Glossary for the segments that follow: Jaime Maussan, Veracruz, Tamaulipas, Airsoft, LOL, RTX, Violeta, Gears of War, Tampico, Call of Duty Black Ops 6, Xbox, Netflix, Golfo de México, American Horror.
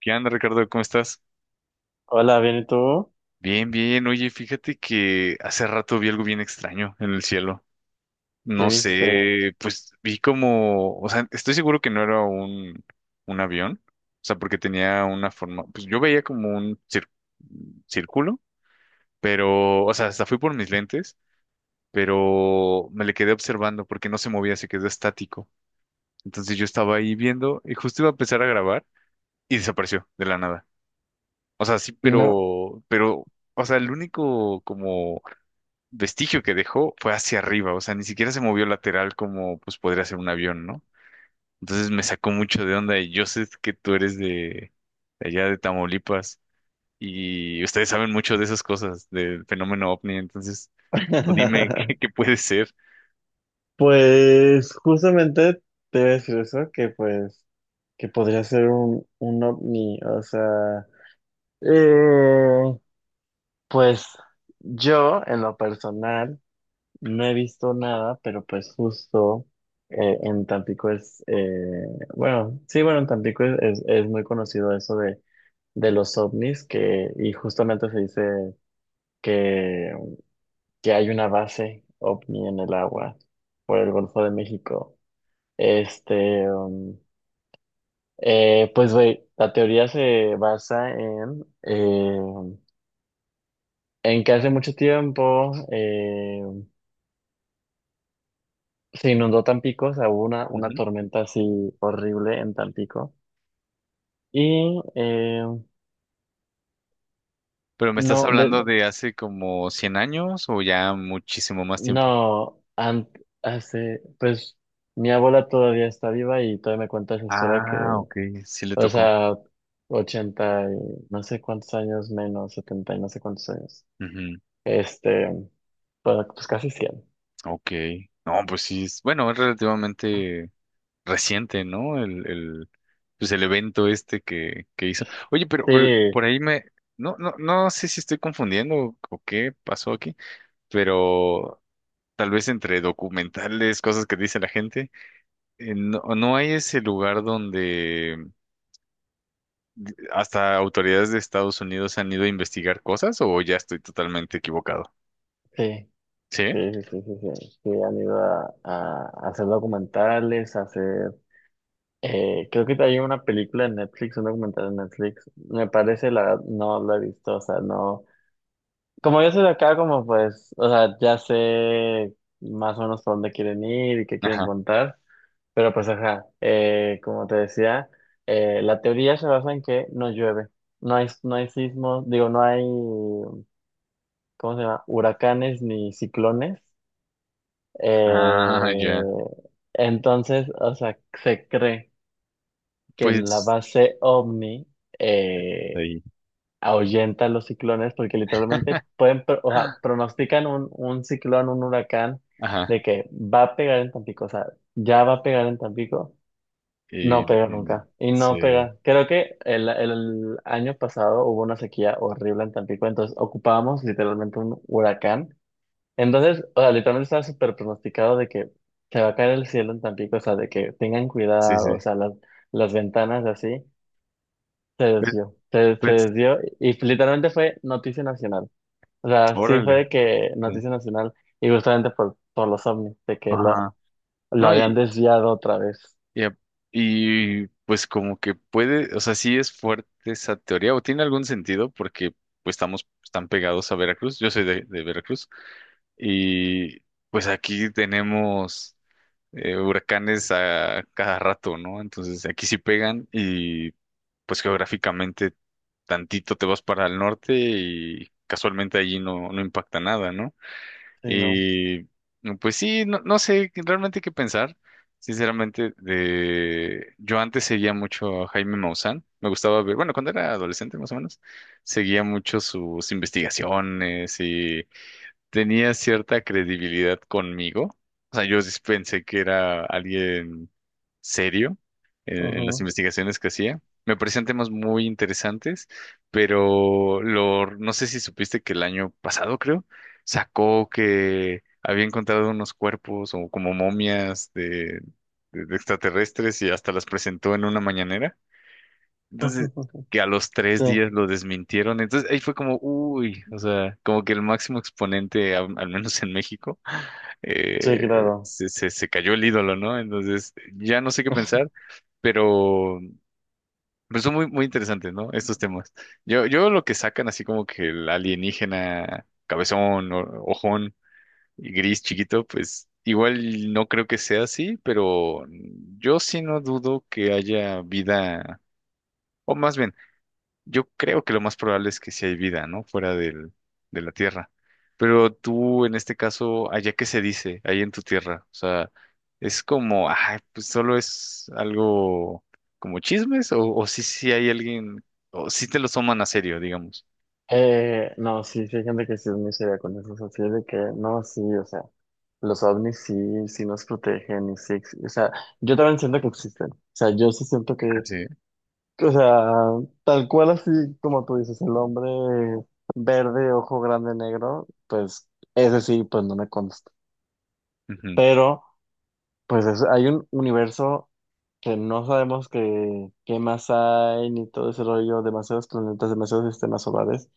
¿Qué onda, Ricardo? ¿Cómo estás? Hola, bien, ¿y tú? Bien, bien. Oye, fíjate que hace rato vi algo bien extraño en el cielo. ¿Qué No viste? sé, pues vi como, o sea, estoy seguro que no era un avión, o sea, porque tenía una forma, pues yo veía como círculo, pero, o sea, hasta fui por mis lentes, pero me le quedé observando porque no se movía, se quedó estático. Entonces yo estaba ahí viendo y justo iba a empezar a grabar y desapareció de la nada. O sea, sí, No, pero, o sea, el único como vestigio que dejó fue hacia arriba, o sea, ni siquiera se movió lateral como pues podría ser un avión, ¿no? Entonces me sacó mucho de onda y yo sé que tú eres de allá de Tamaulipas y ustedes saben mucho de esas cosas, del fenómeno ovni, entonces tú dime qué puede ser. pues justamente te iba a decir eso, que pues, que podría ser un ovni, o sea, eh, pues yo en lo personal no he visto nada, pero pues justo, en Tampico es, bueno, sí, bueno, en Tampico es muy conocido eso de los ovnis, que, y justamente se dice. Que que hay una base ovni en el agua por el Golfo de México. Este, pues, güey, la teoría se basa en que hace mucho tiempo, se inundó Tampico, o sea, hubo una, Ujú. una tormenta así horrible en Tampico. Y Pero me estás no, de, hablando de hace como 100 años o ya muchísimo más tiempo. no, an- hace, pues, mi abuela todavía está viva y todavía me cuenta esa historia. Que, Ah, ok, sí le o tocó. sea, 80 y no sé cuántos años, menos, 70 y no sé cuántos años. Ujú. Este, bueno, pues casi cien. Ok. No, pues sí, es, bueno, es relativamente reciente, ¿no? Pues el evento este que hizo. Oye, pero Sí, por ahí me, no sé si estoy confundiendo o qué pasó aquí, pero tal vez entre documentales, cosas que dice la gente, no, no hay ese lugar donde hasta autoridades de Estados Unidos han ido a investigar cosas o ya estoy totalmente equivocado. sí, ¿Sí? sí, sí, sí, sí, sí. Sí, han ido a hacer documentales, a hacer. Creo que hay una película en Netflix, un documental en Netflix. Me parece, la verdad, no lo he visto, o sea, no. Como yo soy de acá, como pues, o sea, ya sé más o menos por dónde quieren ir y qué quieren Ajá. contar. Pero pues ajá, como te decía, la teoría se basa en que no llueve. No hay sismos, digo, no hay, ¿cómo se llama? Huracanes ni ciclones. Ah, ya. Eh, entonces, o sea, se cree que en la Pues base OVNI eh, ahí. ahuyenta los ciclones porque literalmente pueden, o sea, pronostican un ciclón, un huracán, Ajá. de que va a pegar en Tampico, o sea, ya va a pegar en Tampico. Y, No y pega de- nunca. Y sí, no pega. Creo que el año pasado hubo una sequía horrible en Tampico, entonces ocupábamos literalmente un huracán. Entonces, o sea, literalmente estaba súper pronosticado de que se va a caer el cielo en Tampico, o sea, de que tengan sí, cuidado, sí. o sea, las ventanas así, se Pues, desvió. Se pues, desvió y literalmente fue noticia nacional. O sea, sí fue órale. de que Sí. noticia nacional y justamente por los ovnis, de que lo, Ajá. lo No, habían desviado otra vez. y, a- pues como que puede, o sea, sí es fuerte esa teoría, o tiene algún sentido, porque pues estamos tan pegados a Veracruz. Yo soy de Veracruz. Y pues aquí tenemos huracanes a cada rato, ¿no? Entonces aquí sí pegan y pues geográficamente tantito te vas para el norte y casualmente allí no, no impacta nada, ¿no? Sí, no. Y pues sí, no, realmente qué pensar. Sinceramente, de yo antes seguía mucho a Jaime Maussan. Me gustaba ver, bueno, cuando era adolescente más o menos, seguía mucho sus investigaciones tenía cierta credibilidad conmigo. O sea, yo sí pensé que era alguien serio en las Ujú. investigaciones que hacía. Me parecían temas muy interesantes, pero lo, no sé si supiste que el año pasado, creo, sacó que había encontrado unos cuerpos o como momias de extraterrestres y hasta las presentó en una mañanera. Entonces, que a los 3 días lo desmintieron. Entonces, ahí fue como, uy, o sea, como que el máximo exponente, al menos en México, Sí, eh, claro. se cayó el ídolo, ¿no? Entonces, ya no sé qué pensar, pero, pero son muy, muy interesantes, ¿no? Estos temas. Yo lo que sacan, así como que el alienígena, cabezón, ojón y gris chiquito, pues igual no creo que sea así, pero yo sí no dudo que haya vida. O más bien, yo creo que lo más probable es que sí hay vida, ¿no? Fuera del, de la Tierra. Pero tú, en este caso, allá qué se dice, ahí en tu tierra. O sea, es como, ah, pues solo es algo como chismes, o sí, sí hay alguien, o sí te lo toman a serio, digamos. No, sí, sí hay gente que sí es muy seria con eso, o sea, sí es de que, no, sí, o sea, los ovnis sí, sí nos protegen y sí, o sea, yo también siento que existen, o sea, yo sí siento Ah, que, sí. O sea, tal cual así como tú dices, el hombre verde, ojo grande, negro, pues ese sí, pues no me consta, Ujú. pero pues hay un universo que no sabemos qué, qué más hay, ni todo ese rollo, demasiados planetas, demasiados sistemas solares,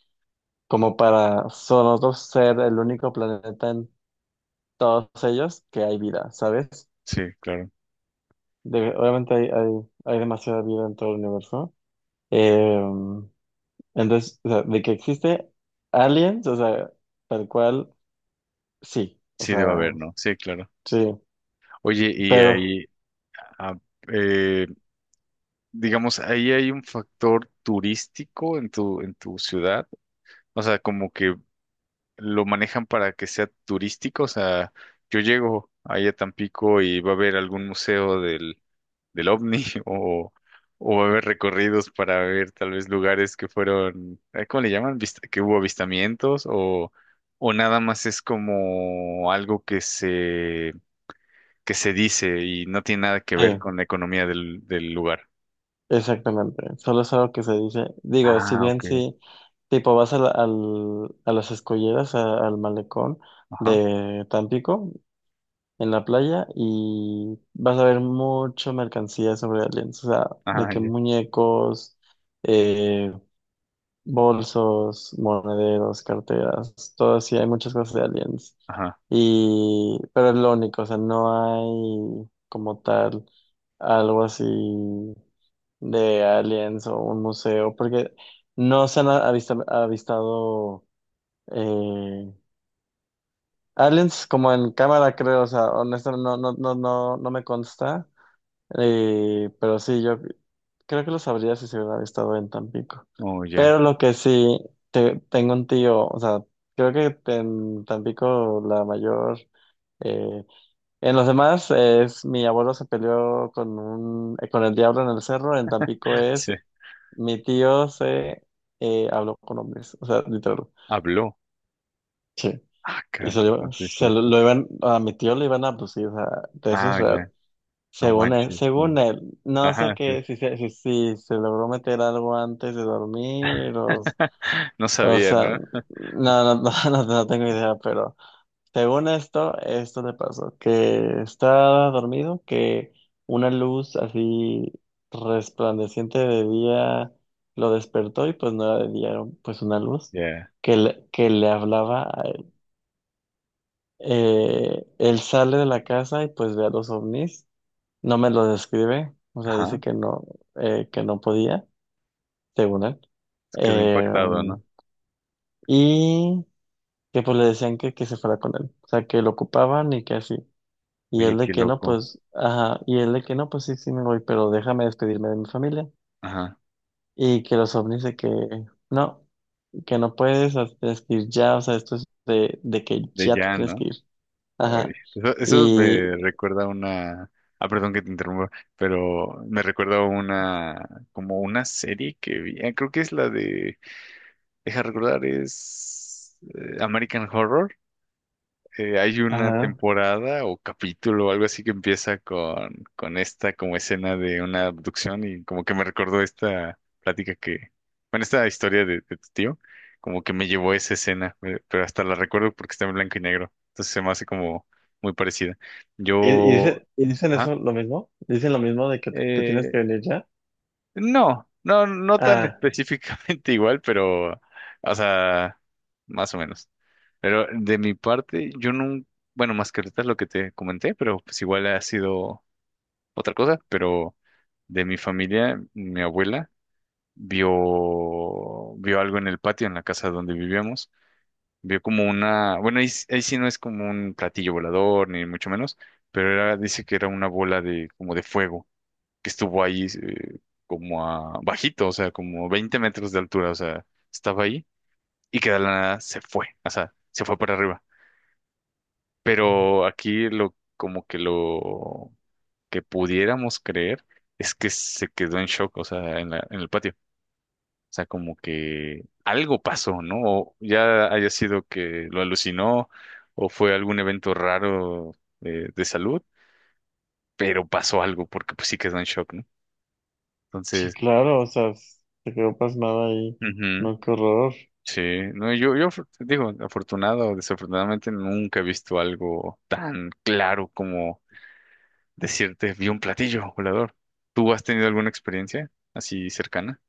como para nosotros ser el único planeta en todos ellos que hay vida, ¿sabes? Sí, claro. Obviamente hay demasiada vida en todo el universo. Eh, entonces, o sea, de que existe aliens, o sea, tal cual, sí, o Sí debe haber, sea, ¿no? Sí, claro. sí, Oye, y pero, ahí, ah, eh, digamos, ahí hay un factor turístico en tu ciudad. O sea, como que lo manejan para que sea turístico. O sea, yo llego ahí a Tampico y va a haber algún museo del OVNI o va a haber recorridos para ver tal vez lugares que fueron, ¿cómo le llaman? Que hubo avistamientos o nada más es como algo que se dice y no tiene nada que ver sí, con la economía del lugar. exactamente, solo es algo que se dice, digo, si Ah, bien ok. sí, tipo vas a, al, a las escolleras, al malecón Ajá. de Tampico, en la playa y vas a ver mucho mercancía sobre aliens, o sea, de Ah, que ya. muñecos, eh, bolsos, monederos, carteras, todo así, hay muchas cosas de aliens. Ajá. Y, pero es lo único, o sea, no hay como tal algo así de aliens o un museo, porque no se han avistado eh, aliens como en cámara, creo, o sea, honestamente no, no, no, no, no me consta. Pero sí, yo creo que lo sabría si se hubiera estado en Tampico. Oh, ya. Pero lo que sí, tengo un tío, o sea, creo que en Tampico la mayor, eh, en los demás es mi abuelo se peleó con un, con el diablo en el cerro, en Tampico es Sí. mi tío se habló con hombres, o sea, literal. Habló. Sí. Y Acá. Sí, se sí, lo, sí. lo iban, a mi tío le iban a abducir, o sea, de eso es Ah, real. ya. No manches, Según sí. él, no sé Ajá, sí. qué, si se logró meter algo antes de dormir No o sabía, sea, ¿no? no, no, no, no, no tengo idea, pero según esto le pasó, que estaba dormido, que una luz así resplandeciente de día lo despertó y pues no era de día, era pues una luz Ya. que le hablaba a él. Él sale de la casa y pues ve a los ovnis. No me lo describe, o sea, dice Ajá. Que no podía, según él. Se quedó Eh, impactado, ¿no? y que pues le decían que se fuera con él, o sea, que lo ocupaban y que así. Y Oye, él de qué que no, loco. pues, ajá, y él de que no, pues sí, sí me voy, pero déjame despedirme de mi familia. Ajá. Y que los ovnis de no, que no puedes, o sea, tienes que ir ya, o sea, esto es de que De ya te ya, tienes ¿no? que ir. Ay, Ajá. eso me Y, recuerda a una. Ah, perdón que te interrumpa, pero me recuerda a una. Como una serie que vi. Ah, creo que es la de. Deja recordar, es. American Horror. Hay una ajá. temporada o capítulo o algo así que empieza con esta como escena de una abducción y como que me recordó esta plática que, bueno, esta historia de tu tío, como que me llevó a esa escena, pero hasta la recuerdo porque está en blanco y negro, entonces se me hace como muy parecida. Y, y Yo, dice- y dicen ajá, eso lo mismo, dicen lo mismo de que te tienes eh, que venir ya. no, no, no tan Ah, específicamente igual, pero, o sea, más o menos. Pero de mi parte, yo no, bueno, más que ahorita es lo que te comenté, pero pues igual ha sido otra cosa, pero de mi familia, mi abuela vio algo en el patio, en la casa donde vivíamos, vio como una, bueno, ahí, ahí sí no es como un platillo volador, ni mucho menos, pero era, dice que era una bola de, como de fuego que estuvo ahí como a bajito, o sea, como 20 metros de altura, o sea, estaba ahí y que de la nada se fue, o sea, se fue para arriba. Pero aquí lo como que lo que pudiéramos creer es que se quedó en shock, o sea, en en el patio. O sea, como que algo pasó, ¿no? O ya haya sido que lo alucinó o fue algún evento raro de salud, pero pasó algo porque pues sí quedó en shock, ¿no? sí, Entonces, claro, o sea, se quedó pasmada ahí. ujú. No, qué horror. Sí, no, digo, afortunado o desafortunadamente nunca he visto algo tan claro como decirte, vi un platillo volador. ¿Tú has tenido alguna experiencia así cercana?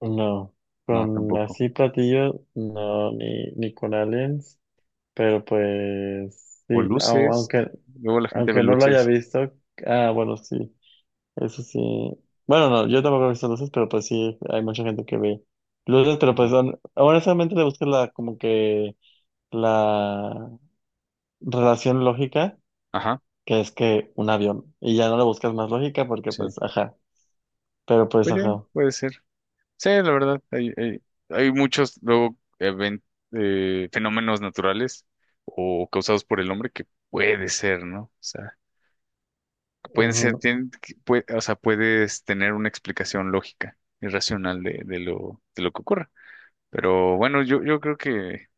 No, No, con tampoco. así platillos, no, ni, ni con aliens, pero pues O sí, luces, aunque, luego la gente ve aunque no lo haya luces. visto, ah, bueno, sí, eso sí. Bueno, no, yo tampoco he visto luces, pero pues sí, hay mucha gente que ve luces, pero pues Ujú. Honestamente le busco la, como que la relación lógica, Ajá, que es que un avión, y ya no le buscas más lógica porque sí. pues, ajá. Pero pues, Pues sí, ajá. puede ser. Sí, la verdad, hay muchos luego fenómenos naturales o causados por el hombre que puede ser, ¿no? O sea, pueden ser, Ujú. O sea, puedes tener una explicación lógica y racional de lo que ocurra. Pero bueno, yo creo que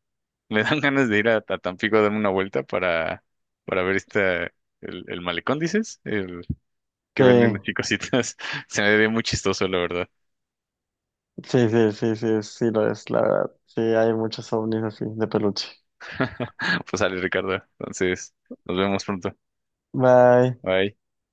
me dan ganas de ir a Tampico a darme una vuelta para ver esta, el malecón, dices, el que venden Sí, así cositas. Se me ve muy chistoso, la verdad. sí, sí, sí, sí, sí lo es, la verdad. Sí, hay muchos ovnis así, de peluche. Pues sale, Ricardo. Entonces, nos vemos pronto. Bye. Bye.